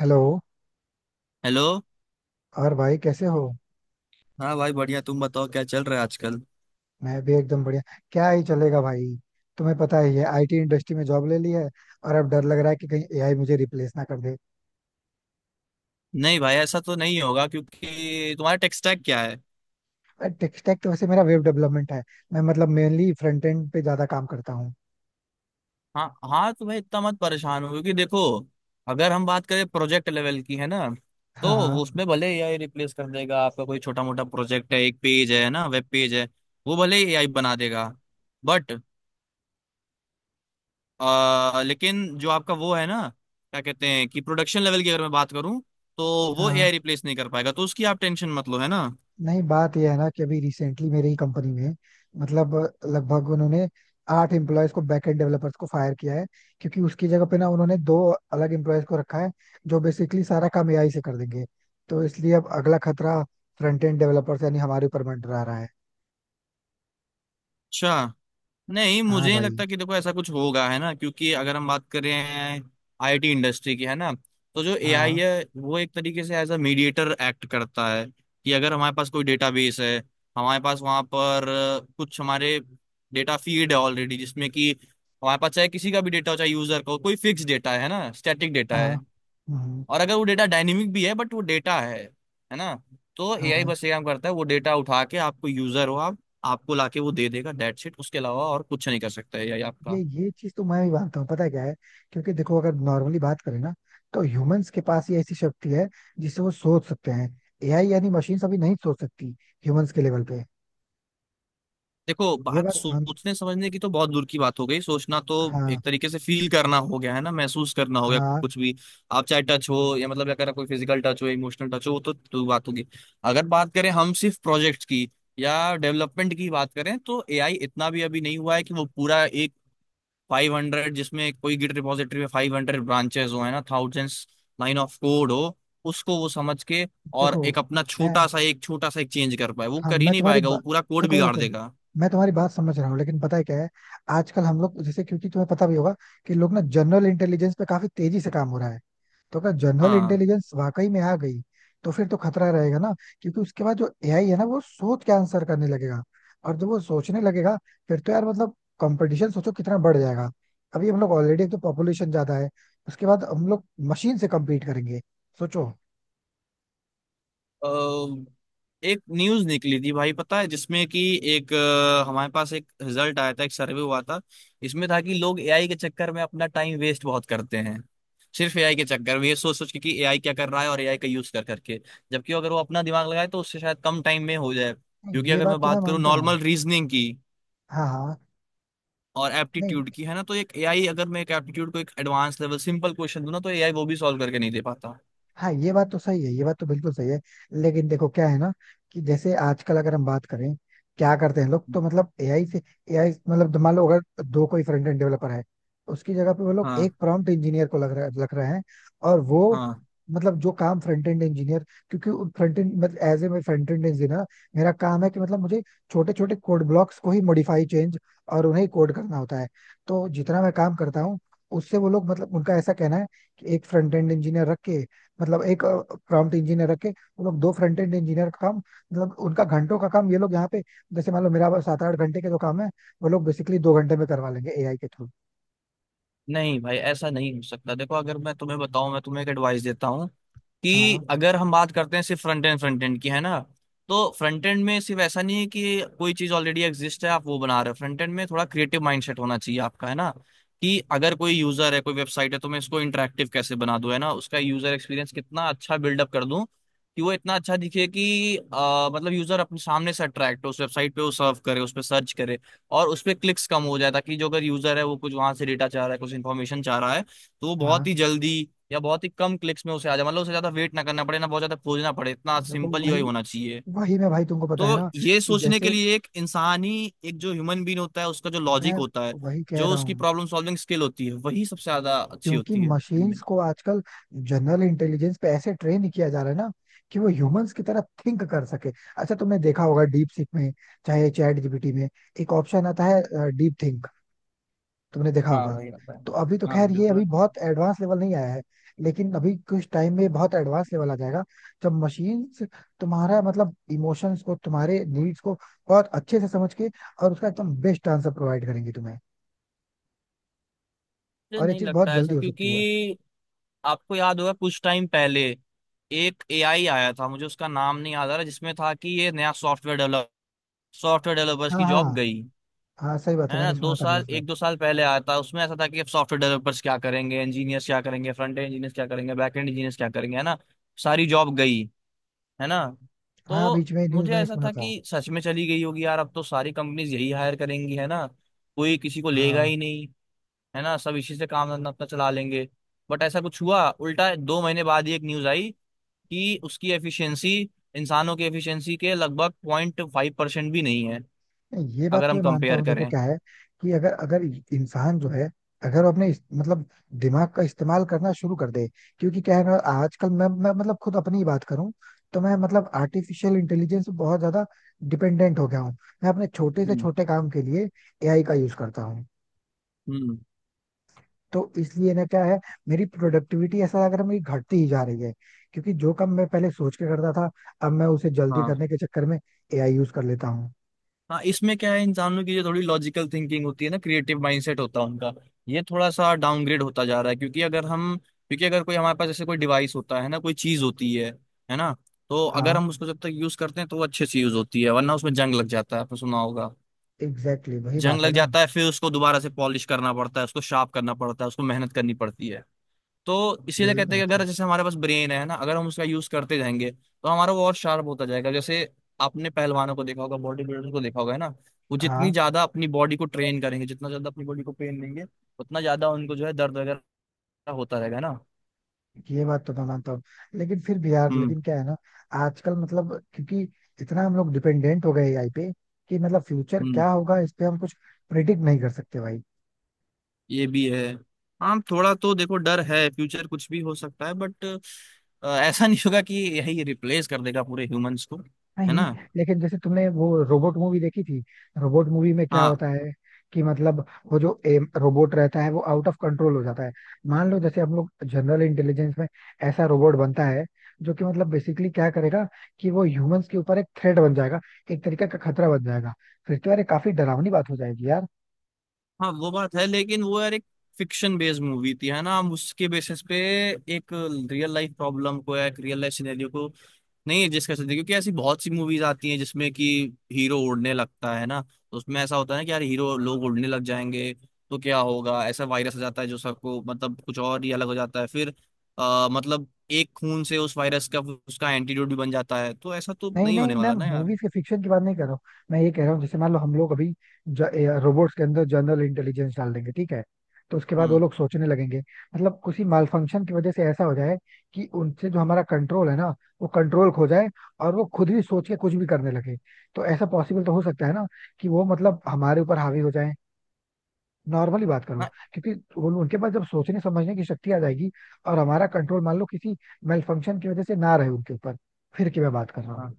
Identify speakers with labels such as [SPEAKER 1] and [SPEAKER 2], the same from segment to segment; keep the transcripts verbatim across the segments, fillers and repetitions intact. [SPEAKER 1] Hello.
[SPEAKER 2] Hello.
[SPEAKER 1] और भाई कैसे हो?
[SPEAKER 2] हाँ भाई बढ़िया, तुम बताओ क्या चल रहा है आजकल।
[SPEAKER 1] मैं भी एकदम बढ़िया। क्या ही चलेगा भाई। तुम्हें पता ही है, आई टी इंडस्ट्री में जॉब ले ली है, और अब डर लग रहा है कि कहीं ए आई मुझे रिप्लेस ना कर दे।
[SPEAKER 2] नहीं भाई, ऐसा तो नहीं होगा क्योंकि तुम्हारा टेक स्टैक क्या है?
[SPEAKER 1] टेक स्टैक तो वैसे मेरा वेब डेवलपमेंट है। मैं मतलब मेनली फ्रंट एंड पे ज्यादा काम करता हूँ।
[SPEAKER 2] हाँ हाँ, तो भाई इतना मत परेशान हो क्योंकि देखो, अगर हम बात करें प्रोजेक्ट लेवल की, है ना,
[SPEAKER 1] हाँ
[SPEAKER 2] तो वो
[SPEAKER 1] हाँ।
[SPEAKER 2] उसमें भले एआई रिप्लेस कर देगा। आपका कोई छोटा मोटा प्रोजेक्ट है, एक पेज है ना, वेब पेज है, वो भले एआई बना देगा। बट आ, लेकिन जो आपका वो है ना, क्या कहते हैं, कि प्रोडक्शन लेवल की अगर मैं बात करूं, तो वो
[SPEAKER 1] हाँ।
[SPEAKER 2] एआई रिप्लेस नहीं कर पाएगा, तो उसकी आप टेंशन मत लो, है ना।
[SPEAKER 1] नहीं, बात यह है ना कि अभी रिसेंटली मेरे ही कंपनी में, मतलब लगभग उन्होंने आठ एम्प्लॉयज को, बैकएंड डेवलपर्स को फायर किया है, क्योंकि उसकी जगह पे ना उन्होंने दो अलग एम्प्लॉयज को रखा है जो बेसिकली सारा काम एआई से कर देंगे। तो इसलिए अब अगला खतरा फ्रंट एंड डेवलपर्स यानी हमारे ऊपर मंडरा रहा है।
[SPEAKER 2] अच्छा। नहीं,
[SPEAKER 1] हाँ
[SPEAKER 2] मुझे नहीं
[SPEAKER 1] भाई।
[SPEAKER 2] लगता कि देखो ऐसा कुछ होगा, है ना, क्योंकि अगर हम बात कर रहे हैं आईटी इंडस्ट्री की, है ना, तो जो एआई
[SPEAKER 1] हाँ
[SPEAKER 2] है वो एक तरीके से एज अ मीडिएटर एक्ट करता है। कि अगर हमारे पास कोई डेटाबेस है, हमारे पास वहां पर अ, कुछ हमारे डेटा फीड है ऑलरेडी, जिसमें कि हमारे पास चाहे किसी का भी डेटा हो, चाहे यूजर का हो, कोई फिक्स डेटा है ना, स्टैटिक डेटा
[SPEAKER 1] हाँ।
[SPEAKER 2] है,
[SPEAKER 1] हम्म।
[SPEAKER 2] और अगर वो डेटा डायनेमिक भी है बट वो डेटा है है ना। तो एआई
[SPEAKER 1] हाँ।
[SPEAKER 2] बस ये काम करता है, वो डेटा उठा के आपको यूजर हो आप, आपको लाके वो दे देगा डेट शीट। उसके अलावा और कुछ नहीं कर सकता एआई
[SPEAKER 1] ये
[SPEAKER 2] आपका।
[SPEAKER 1] ये चीज तो मैं भी मानता हूँ। पता है क्या है, क्योंकि देखो अगर नॉर्मली बात करें ना, तो ह्यूमंस के पास ये ऐसी शक्ति है जिससे वो सोच सकते हैं। एआई यानी मशीन अभी नहीं सोच सकती ह्यूमंस के लेवल पे।
[SPEAKER 2] देखो,
[SPEAKER 1] ये
[SPEAKER 2] बात
[SPEAKER 1] बात मान।
[SPEAKER 2] सोचने समझने की तो बहुत दूर की बात हो गई। सोचना तो
[SPEAKER 1] हाँ
[SPEAKER 2] एक तरीके से फील करना हो गया, है ना, महसूस करना हो गया
[SPEAKER 1] हाँ।
[SPEAKER 2] कुछ भी। आप चाहे टच हो, या मतलब अगर कोई फिजिकल टच हो, इमोशनल टच हो, वो तो, तो बात होगी। अगर बात करें हम सिर्फ प्रोजेक्ट की या डेवलपमेंट की बात करें, तो एआई इतना भी अभी नहीं हुआ है कि वो पूरा एक फाइव हंड्रेड, जिसमें कोई गिट रिपॉजिटरी में फाइव हंड्रेड ब्रांचेस हो, है ना, थाउजेंड्स लाइन ऑफ कोड हो, उसको वो समझ के और
[SPEAKER 1] देखो,
[SPEAKER 2] एक अपना
[SPEAKER 1] मैं
[SPEAKER 2] छोटा सा एक छोटा सा एक चेंज कर पाए, वो
[SPEAKER 1] हाँ
[SPEAKER 2] कर ही
[SPEAKER 1] मैं
[SPEAKER 2] नहीं
[SPEAKER 1] तुम्हारी
[SPEAKER 2] पाएगा, वो
[SPEAKER 1] बा...
[SPEAKER 2] पूरा कोड
[SPEAKER 1] देखो
[SPEAKER 2] बिगाड़
[SPEAKER 1] देखो,
[SPEAKER 2] देगा।
[SPEAKER 1] मैं तुम्हारी बात समझ रहा हूँ, लेकिन पता है क्या है, आजकल हम लोग जैसे, क्योंकि तुम्हें पता भी होगा कि लोग ना, जनरल इंटेलिजेंस पे काफी तेजी से काम हो रहा है। तो अगर जनरल
[SPEAKER 2] हाँ।
[SPEAKER 1] इंटेलिजेंस वाकई में आ गई, तो फिर तो खतरा रहेगा ना, क्योंकि उसके बाद जो एआई है ना, वो सोच के आंसर करने लगेगा, और जब वो सोचने लगेगा, फिर तो यार मतलब, कंपटीशन सोचो कितना बढ़ जाएगा। अभी हम लोग ऑलरेडी, एक तो पॉपुलेशन ज्यादा है, उसके बाद हम लोग मशीन से कम्पीट करेंगे, सोचो।
[SPEAKER 2] अ, एक न्यूज निकली थी भाई, पता है, जिसमें कि एक अ, हमारे पास एक रिजल्ट आया था, एक सर्वे हुआ था। इसमें था कि लोग एआई के चक्कर में अपना टाइम वेस्ट बहुत करते हैं। सिर्फ एआई के चक्कर में ये सोच सोच के कि एआई क्या कर रहा है, और एआई का यूज कर करके जबकि अगर वो अपना दिमाग लगाए तो उससे शायद कम टाइम में हो जाए,
[SPEAKER 1] नहीं,
[SPEAKER 2] क्योंकि
[SPEAKER 1] ये
[SPEAKER 2] अगर
[SPEAKER 1] बात
[SPEAKER 2] मैं
[SPEAKER 1] तो मैं
[SPEAKER 2] बात करूँ
[SPEAKER 1] मानता हूँ।
[SPEAKER 2] नॉर्मल रीजनिंग की
[SPEAKER 1] हाँ हाँ।
[SPEAKER 2] और
[SPEAKER 1] नहीं।
[SPEAKER 2] एप्टीट्यूड की, है ना, तो एक एआई, अगर मैं एक एप्टीट्यूड को एक एडवांस लेवल सिंपल क्वेश्चन दूं ना, तो एआई वो भी सॉल्व करके नहीं दे पाता।
[SPEAKER 1] हाँ, ये बात तो सही है, ये बात तो बिल्कुल सही है। लेकिन देखो क्या है ना, कि जैसे आजकल अगर हम बात करें, क्या करते हैं लोग तो मतलब एआई से, एआई मतलब मान लो, अगर दो कोई फ्रंट एंड डेवलपर है, उसकी जगह पे वो लोग एक
[SPEAKER 2] हाँ
[SPEAKER 1] प्रॉम्प्ट इंजीनियर को लग रहा लग रहे हैं। और वो,
[SPEAKER 2] हाँ।
[SPEAKER 1] मतलब जो काम फ्रंट एंड इंजीनियर, क्योंकि फ्रंट एंड मतलब, एज ए, मैं फ्रंट एंड इंजीनियर, मेरा काम है कि मतलब मुझे छोटे छोटे कोड ब्लॉक्स को ही मॉडिफाई चेंज और उन्हें कोड करना होता है। तो जितना मैं काम करता हूँ, उससे वो लोग, मतलब उनका ऐसा कहना है कि एक फ्रंट एंड इंजीनियर रख के, मतलब एक प्रॉम्प्ट इंजीनियर रखे, वो लोग दो फ्रंट एंड इंजीनियर का काम, मतलब उनका घंटों का काम ये लोग यहाँ पे, जैसे मान लो मेरा बस सात आठ घंटे के जो काम है, वो लोग बेसिकली दो घंटे में करवा लेंगे एआई के थ्रू।
[SPEAKER 2] नहीं भाई, ऐसा नहीं हो सकता। देखो, अगर मैं तुम्हें बताऊं, मैं तुम्हें एक एडवाइस देता हूं, कि
[SPEAKER 1] हाँ
[SPEAKER 2] अगर हम बात करते हैं सिर्फ फ्रंट एंड फ्रंट एंड की, है ना, तो फ्रंट एंड में सिर्फ ऐसा नहीं है कि कोई चीज ऑलरेडी एग्जिस्ट है, आप वो बना रहे हो। फ्रंट एंड में थोड़ा क्रिएटिव माइंडसेट होना चाहिए आपका, है ना, कि अगर कोई यूजर है, कोई वेबसाइट है, तो मैं इसको इंटरेक्टिव कैसे बना दूं, है ना, उसका यूजर एक्सपीरियंस कितना अच्छा बिल्डअप कर दूं, कि वो इतना अच्छा दिखे कि अ, मतलब यूजर अपने सामने से अट्रैक्ट हो, उस वेबसाइट पे वो सर्व करे, उस पर सर्च करे, और उसपे क्लिक्स कम हो जाए, ताकि जो अगर यूजर है, वो कुछ वहां से डेटा चाह रहा है, कुछ इन्फॉर्मेशन चाह रहा है, तो वो बहुत
[SPEAKER 1] हाँ।
[SPEAKER 2] ही जल्दी या बहुत ही कम क्लिक्स में उसे आ जाए। मतलब उसे ज्यादा वेट ना करना पड़े, ना बहुत ज्यादा खोजना पड़े, इतना
[SPEAKER 1] देखो
[SPEAKER 2] सिंपल
[SPEAKER 1] वही,
[SPEAKER 2] यूआई होना चाहिए।
[SPEAKER 1] वही मैं भाई, तुमको पता है
[SPEAKER 2] तो
[SPEAKER 1] ना,
[SPEAKER 2] ये
[SPEAKER 1] कि
[SPEAKER 2] सोचने के
[SPEAKER 1] जैसे,
[SPEAKER 2] लिए एक इंसानी, एक जो ह्यूमन बीन होता है उसका जो लॉजिक
[SPEAKER 1] मैं
[SPEAKER 2] होता है,
[SPEAKER 1] वही कह
[SPEAKER 2] जो
[SPEAKER 1] रहा
[SPEAKER 2] उसकी
[SPEAKER 1] हूँ।
[SPEAKER 2] प्रॉब्लम सॉल्विंग स्किल होती है, वही सबसे ज्यादा अच्छी
[SPEAKER 1] क्योंकि
[SPEAKER 2] होती है
[SPEAKER 1] मशीन्स
[SPEAKER 2] इनमें।
[SPEAKER 1] को आजकल जनरल इंटेलिजेंस पे ऐसे ट्रेन किया जा रहा है ना कि वो ह्यूमंस की तरह थिंक कर सके। अच्छा, तुमने देखा होगा डीप सीक में, चाहे चैट जी पी टी में, एक ऑप्शन आता है डीप थिंक, तुमने देखा
[SPEAKER 2] हाँ
[SPEAKER 1] होगा।
[SPEAKER 2] वही होता है।
[SPEAKER 1] तो अभी तो
[SPEAKER 2] हाँ
[SPEAKER 1] खैर ये
[SPEAKER 2] बिल्कुल।
[SPEAKER 1] अभी
[SPEAKER 2] अच्छा,
[SPEAKER 1] बहुत एडवांस लेवल नहीं आया है, लेकिन अभी कुछ टाइम में बहुत एडवांस लेवल आ जाएगा, जब मशीन तुम्हारा, मतलब इमोशंस को, तुम्हारे नीड्स को बहुत अच्छे से समझ के और उसका एकदम बेस्ट आंसर प्रोवाइड करेंगी तुम्हें।
[SPEAKER 2] मुझे
[SPEAKER 1] और ये
[SPEAKER 2] नहीं
[SPEAKER 1] चीज बहुत
[SPEAKER 2] लगता है ऐसा,
[SPEAKER 1] जल्दी हो सकती है।
[SPEAKER 2] क्योंकि आपको याद होगा कुछ टाइम पहले एक एआई आया था, मुझे उसका नाम नहीं याद आ रहा, जिसमें था कि ये नया सॉफ्टवेयर डेवलप, सॉफ्टवेयर डेवलपर्स
[SPEAKER 1] हाँ।
[SPEAKER 2] की
[SPEAKER 1] हाँ,
[SPEAKER 2] जॉब गई,
[SPEAKER 1] हाँ सही बात
[SPEAKER 2] है
[SPEAKER 1] है,
[SPEAKER 2] ना,
[SPEAKER 1] मैंने
[SPEAKER 2] दो
[SPEAKER 1] सुना था
[SPEAKER 2] साल
[SPEAKER 1] न्यूज में।
[SPEAKER 2] एक दो साल पहले आया था। उसमें ऐसा था कि अब सॉफ्टवेयर डेवलपर्स क्या करेंगे, इंजीनियर्स क्या करेंगे, फ्रंट एंड इंजीनियर्स क्या करेंगे, बैक एंड इंजीनियर्स क्या करेंगे, है ना, सारी जॉब गई, है ना।
[SPEAKER 1] हाँ,
[SPEAKER 2] तो
[SPEAKER 1] बीच में न्यूज
[SPEAKER 2] मुझे
[SPEAKER 1] मैंने
[SPEAKER 2] ऐसा
[SPEAKER 1] सुना
[SPEAKER 2] था
[SPEAKER 1] था।
[SPEAKER 2] कि सच में चली गई होगी यार, अब तो सारी कंपनीज यही हायर करेंगी, है ना, कोई किसी को लेगा
[SPEAKER 1] हाँ।
[SPEAKER 2] ही नहीं, है ना, सब इसी से काम धंधा अपना चला लेंगे। बट ऐसा कुछ हुआ उल्टा, दो महीने बाद ही एक न्यूज आई कि उसकी एफिशिएंसी इंसानों की एफिशिएंसी के लगभग पॉइंट फाइव परसेंट भी नहीं है,
[SPEAKER 1] नहीं, ये बात
[SPEAKER 2] अगर
[SPEAKER 1] तो
[SPEAKER 2] हम
[SPEAKER 1] मैं मानता
[SPEAKER 2] कंपेयर
[SPEAKER 1] हूँ। देखो
[SPEAKER 2] करें।
[SPEAKER 1] क्या है, कि अगर अगर इंसान जो है, अगर वो अपने इस- मतलब दिमाग का इस्तेमाल करना शुरू कर दे। क्योंकि क्या है ना, आजकल मैं मैं मतलब खुद अपनी ही बात करूं, तो मैं, मतलब आर्टिफिशियल इंटेलिजेंस पे बहुत ज्यादा डिपेंडेंट हो गया हूँ। मैं अपने छोटे से
[SPEAKER 2] हम्म।
[SPEAKER 1] छोटे काम के लिए एआई का यूज करता हूँ।
[SPEAKER 2] हम्म।
[SPEAKER 1] तो इसलिए ना, क्या है, मेरी प्रोडक्टिविटी ऐसा, अगर मेरी घटती ही जा रही है, क्योंकि जो काम मैं पहले सोच के करता था, अब मैं उसे जल्दी
[SPEAKER 2] हाँ
[SPEAKER 1] करने के चक्कर में एआई यूज कर लेता हूँ।
[SPEAKER 2] हाँ। इसमें क्या है, इंसानों की जो थोड़ी लॉजिकल थिंकिंग होती है ना, क्रिएटिव माइंडसेट होता है उनका, ये थोड़ा सा डाउनग्रेड होता जा रहा है, क्योंकि अगर हम क्योंकि अगर कोई हमारे पास जैसे कोई डिवाइस होता है ना, कोई चीज होती है है ना, तो अगर
[SPEAKER 1] हाँ।
[SPEAKER 2] हम उसको जब तक यूज करते हैं तो वो अच्छे से यूज होती है, वरना उसमें जंग लग जाता है, आपने सुना होगा।
[SPEAKER 1] एग्जैक्टली exactly, वही
[SPEAKER 2] जंग
[SPEAKER 1] बात है
[SPEAKER 2] लग
[SPEAKER 1] ना।
[SPEAKER 2] जाता है, फिर उसको दोबारा से पॉलिश करना पड़ता है, उसको शार्प करना पड़ता है, उसको मेहनत करनी पड़ती है। तो इसीलिए
[SPEAKER 1] यही
[SPEAKER 2] कहते
[SPEAKER 1] बात
[SPEAKER 2] हैं कि
[SPEAKER 1] है।
[SPEAKER 2] अगर जैसे हमारे पास ब्रेन है ना, अगर हम उसका यूज करते जाएंगे तो हमारा वो और शार्प होता जाएगा, जैसे आपने पहलवानों को देखा होगा, बॉडी बिल्डर्स को देखा होगा, है ना, वो जितनी
[SPEAKER 1] हाँ,
[SPEAKER 2] ज्यादा अपनी बॉडी को ट्रेन करेंगे, जितना ज्यादा अपनी बॉडी को ट्रेन देंगे, उतना ज्यादा उनको जो है दर्द वगैरह होता रहेगा ना।
[SPEAKER 1] ये बात तो मैं मानता हूँ, लेकिन फिर भी यार,
[SPEAKER 2] हम्म।
[SPEAKER 1] लेकिन क्या है ना, आजकल मतलब, क्योंकि इतना हम लोग डिपेंडेंट हो गए एआई पे, कि मतलब फ्यूचर
[SPEAKER 2] हम्म।
[SPEAKER 1] क्या होगा इस पे हम कुछ प्रिडिक्ट नहीं कर सकते भाई।
[SPEAKER 2] ये भी है। हाँ, थोड़ा तो देखो डर है, फ्यूचर कुछ भी हो सकता है, बट ऐसा नहीं होगा कि यही रिप्लेस कर देगा पूरे ह्यूमंस को, है
[SPEAKER 1] नहीं।
[SPEAKER 2] ना।
[SPEAKER 1] लेकिन जैसे तुमने वो रोबोट मूवी देखी थी, रोबोट मूवी में क्या
[SPEAKER 2] हाँ।
[SPEAKER 1] होता है, कि मतलब वो जो एम रोबोट रहता है, वो आउट ऑफ कंट्रोल हो जाता है। मान लो जैसे हम लोग जनरल इंटेलिजेंस में ऐसा रोबोट बनता है, जो कि मतलब बेसिकली क्या करेगा, कि वो ह्यूमंस के ऊपर एक थ्रेट बन जाएगा, एक तरीके का खतरा बन जाएगा। फिर तो यार ये काफी डरावनी बात हो जाएगी यार।
[SPEAKER 2] हाँ वो बात है, लेकिन वो यार एक फिक्शन बेस्ड मूवी थी, है ना, हम उसके बेसिस पे एक रियल लाइफ प्रॉब्लम को या एक रियल लाइफ सिनेरियो को नहीं एडजस्ट कर सकते, क्योंकि ऐसी बहुत सी मूवीज आती हैं जिसमें कि हीरो उड़ने लगता है ना, तो उसमें ऐसा होता है ना कि यार हीरो लोग उड़ने लग जाएंगे तो क्या होगा, ऐसा वायरस आ जाता है जो सबको मतलब कुछ और ही अलग हो जाता है फिर, आ, मतलब एक खून से उस वायरस का उसका एंटीडोट भी बन जाता है, तो ऐसा तो
[SPEAKER 1] नहीं
[SPEAKER 2] नहीं
[SPEAKER 1] नहीं,
[SPEAKER 2] होने वाला
[SPEAKER 1] मैम
[SPEAKER 2] ना यार।
[SPEAKER 1] मूवीज के फिक्शन की बात नहीं कर रहा हूँ। मैं ये कह रहा हूँ, जैसे मान लो हम लोग अभी रोबोट्स के अंदर जनरल इंटेलिजेंस डाल देंगे, ठीक है? तो उसके बाद वो
[SPEAKER 2] हम्म।
[SPEAKER 1] लोग सोचने लगेंगे, मतलब किसी माल फंक्शन की वजह से ऐसा हो जाए कि उनसे जो हमारा कंट्रोल है ना, वो कंट्रोल खो जाए, और वो खुद ही सोच के कुछ भी करने लगे। तो ऐसा पॉसिबल तो हो सकता है ना कि वो, मतलब हमारे ऊपर हावी हो जाए। नॉर्मली बात करो, क्योंकि वो, उनके पास जब सोचने समझने की शक्ति आ जाएगी, और हमारा कंट्रोल मान लो किसी मेल फंक्शन की वजह से ना रहे उनके ऊपर, फिर की मैं बात कर रहा हूँ।
[SPEAKER 2] हाँ,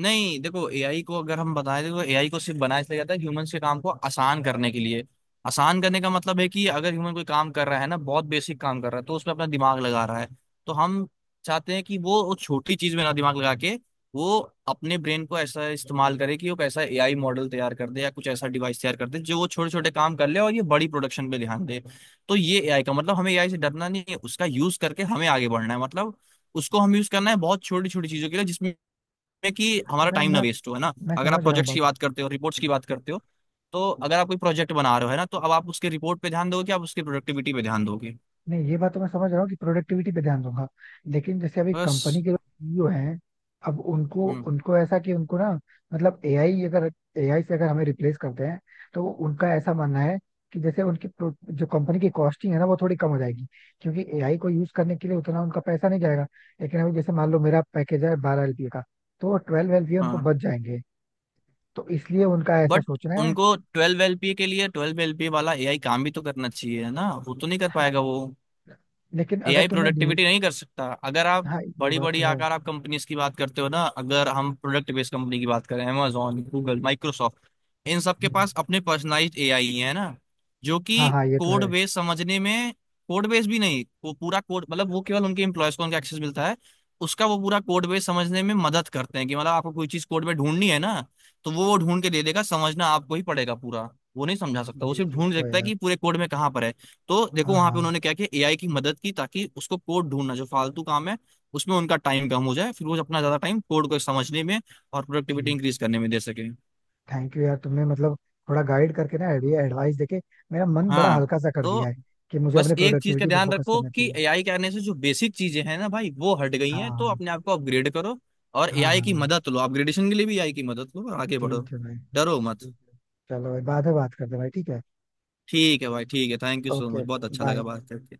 [SPEAKER 2] नहीं देखो, एआई को अगर हम बताएं, देखो एआई को सिर्फ बनाया इसलिए जाता है ह्यूमंस के काम को आसान करने के लिए। आसान करने का मतलब है कि अगर ह्यूमन कोई काम कर रहा है ना, बहुत बेसिक काम कर रहा है, तो उसमें अपना दिमाग लगा रहा है, तो हम चाहते हैं कि वो उस छोटी चीज में ना दिमाग लगा के, वो अपने ब्रेन को ऐसा इस्तेमाल करे कि वो एक ऐसा एआई मॉडल तैयार कर दे या कुछ ऐसा डिवाइस तैयार कर दे जो वो छोटे छोटे काम कर ले और ये बड़ी प्रोडक्शन पे ध्यान दे। तो ये एआई का मतलब, हमें एआई से डरना नहीं है, उसका यूज करके हमें आगे बढ़ना है। मतलब उसको हम यूज करना है बहुत छोटी छोटी चीजों के लिए, जिसमें में कि हमारा
[SPEAKER 1] मैम,
[SPEAKER 2] टाइम ना
[SPEAKER 1] मैं
[SPEAKER 2] वेस्ट हो, है ना।
[SPEAKER 1] मैं
[SPEAKER 2] अगर आप
[SPEAKER 1] समझ रहा हूँ
[SPEAKER 2] प्रोजेक्ट्स
[SPEAKER 1] बात।
[SPEAKER 2] की बात करते हो, रिपोर्ट्स की बात करते हो, तो अगर आप कोई प्रोजेक्ट बना रहे हो, है ना, तो अब आप उसके रिपोर्ट पे ध्यान दोगे, आप उसकी प्रोडक्टिविटी पे ध्यान दोगे।
[SPEAKER 1] नहीं, ये बात तो मैं समझ रहा हूँ कि प्रोडक्टिविटी पे ध्यान दूंगा, लेकिन जैसे अभी कंपनी
[SPEAKER 2] बस।
[SPEAKER 1] के लोग सी ई ओ हैं, अब उनको
[SPEAKER 2] हम्म।
[SPEAKER 1] उनको ऐसा कि उनको ना, मतलब एआई अगर, एआई से अगर हमें रिप्लेस करते हैं, तो वो- उनका ऐसा मानना है कि जैसे उनकी pro- जो कंपनी की कॉस्टिंग है ना, वो थोड़ी कम हो जाएगी, क्योंकि एआई को यूज करने के लिए उतना उनका पैसा नहीं जाएगा। लेकिन अभी जैसे मान लो मेरा पैकेज है बारह एल पी ए का, तो ट्वेल्व एल पी ए उनको
[SPEAKER 2] हाँ।
[SPEAKER 1] बच जाएंगे। तो इसलिए उनका ऐसा
[SPEAKER 2] बट
[SPEAKER 1] सोचना है।
[SPEAKER 2] उनको ट्वेल्व एलपीए के लिए ट्वेल्व एलपीए वाला एआई काम भी तो करना चाहिए, है ना, वो तो नहीं कर
[SPEAKER 1] हाँ,
[SPEAKER 2] पाएगा वो।
[SPEAKER 1] लेकिन अगर
[SPEAKER 2] एआई
[SPEAKER 1] तुमने
[SPEAKER 2] प्रोडक्टिविटी
[SPEAKER 1] न्यूज।
[SPEAKER 2] नहीं कर सकता। अगर आप
[SPEAKER 1] हाँ, ये
[SPEAKER 2] बड़ी
[SPEAKER 1] बात
[SPEAKER 2] बड़ी
[SPEAKER 1] तो है।
[SPEAKER 2] आकार आप कंपनीज की बात करते हो ना, अगर हम प्रोडक्ट बेस्ड कंपनी की बात करें, amazon गूगल माइक्रोसॉफ्ट, इन सब के
[SPEAKER 1] हम्म।
[SPEAKER 2] पास अपने पर्सनलाइज्ड एआई है ना, जो कि
[SPEAKER 1] हाँ हाँ, ये तो
[SPEAKER 2] कोड
[SPEAKER 1] है।
[SPEAKER 2] बेस समझने में, कोड बेस भी नहीं, वो पूरा कोड, मतलब वो केवल उनके एम्प्लॉयज को उनका एक्सेस मिलता है, उसका वो पूरा कोड बेस समझने में मदद करते हैं, कि मतलब आपको कोई चीज कोड में ढूंढनी है ना, तो वो वो ढूंढ के दे देगा, समझना आपको ही पड़ेगा पूरा, वो नहीं समझा सकता, वो
[SPEAKER 1] ये
[SPEAKER 2] सिर्फ
[SPEAKER 1] चीज
[SPEAKER 2] ढूंढ
[SPEAKER 1] तो है
[SPEAKER 2] सकता है
[SPEAKER 1] यार।
[SPEAKER 2] कि पूरे कोड में कहाँ पर है। तो देखो
[SPEAKER 1] हाँ
[SPEAKER 2] वहां पे
[SPEAKER 1] हाँ।
[SPEAKER 2] उन्होंने क्या किया, एआई की मदद की, ताकि उसको कोड ढूंढना जो फालतू काम है, उसमें उनका टाइम कम हो जाए, फिर वो अपना ज्यादा टाइम कोड को समझने में और प्रोडक्टिविटी
[SPEAKER 1] ठीक।
[SPEAKER 2] इंक्रीज करने में दे सके।
[SPEAKER 1] थैंक यू यार, तुमने मतलब थोड़ा गाइड करके ना, आइडिया एडवाइस देके मेरा मन बड़ा
[SPEAKER 2] हाँ।
[SPEAKER 1] हल्का सा कर दिया
[SPEAKER 2] तो
[SPEAKER 1] है कि मुझे
[SPEAKER 2] बस
[SPEAKER 1] अपने
[SPEAKER 2] एक चीज का
[SPEAKER 1] प्रोडक्टिविटी पे
[SPEAKER 2] ध्यान
[SPEAKER 1] फोकस
[SPEAKER 2] रखो
[SPEAKER 1] करना
[SPEAKER 2] कि
[SPEAKER 1] चाहिए।
[SPEAKER 2] एआई के आने से जो बेसिक चीजें हैं ना भाई, वो हट गई हैं, तो
[SPEAKER 1] हाँ
[SPEAKER 2] अपने आप को अपग्रेड करो, और
[SPEAKER 1] हाँ हाँ।
[SPEAKER 2] एआई की
[SPEAKER 1] हाँ,
[SPEAKER 2] मदद लो, अपग्रेडेशन के लिए भी एआई की मदद लो और आगे बढ़ो।
[SPEAKER 1] ठीक है भाई।
[SPEAKER 2] डरो मत।
[SPEAKER 1] ठीक है, चलो भाई, बाद में बात करते हैं भाई। ठीक है।
[SPEAKER 2] ठीक है भाई। ठीक है, thank you so
[SPEAKER 1] okay.
[SPEAKER 2] Much, बहुत अच्छा लगा
[SPEAKER 1] बाय।
[SPEAKER 2] बात करके।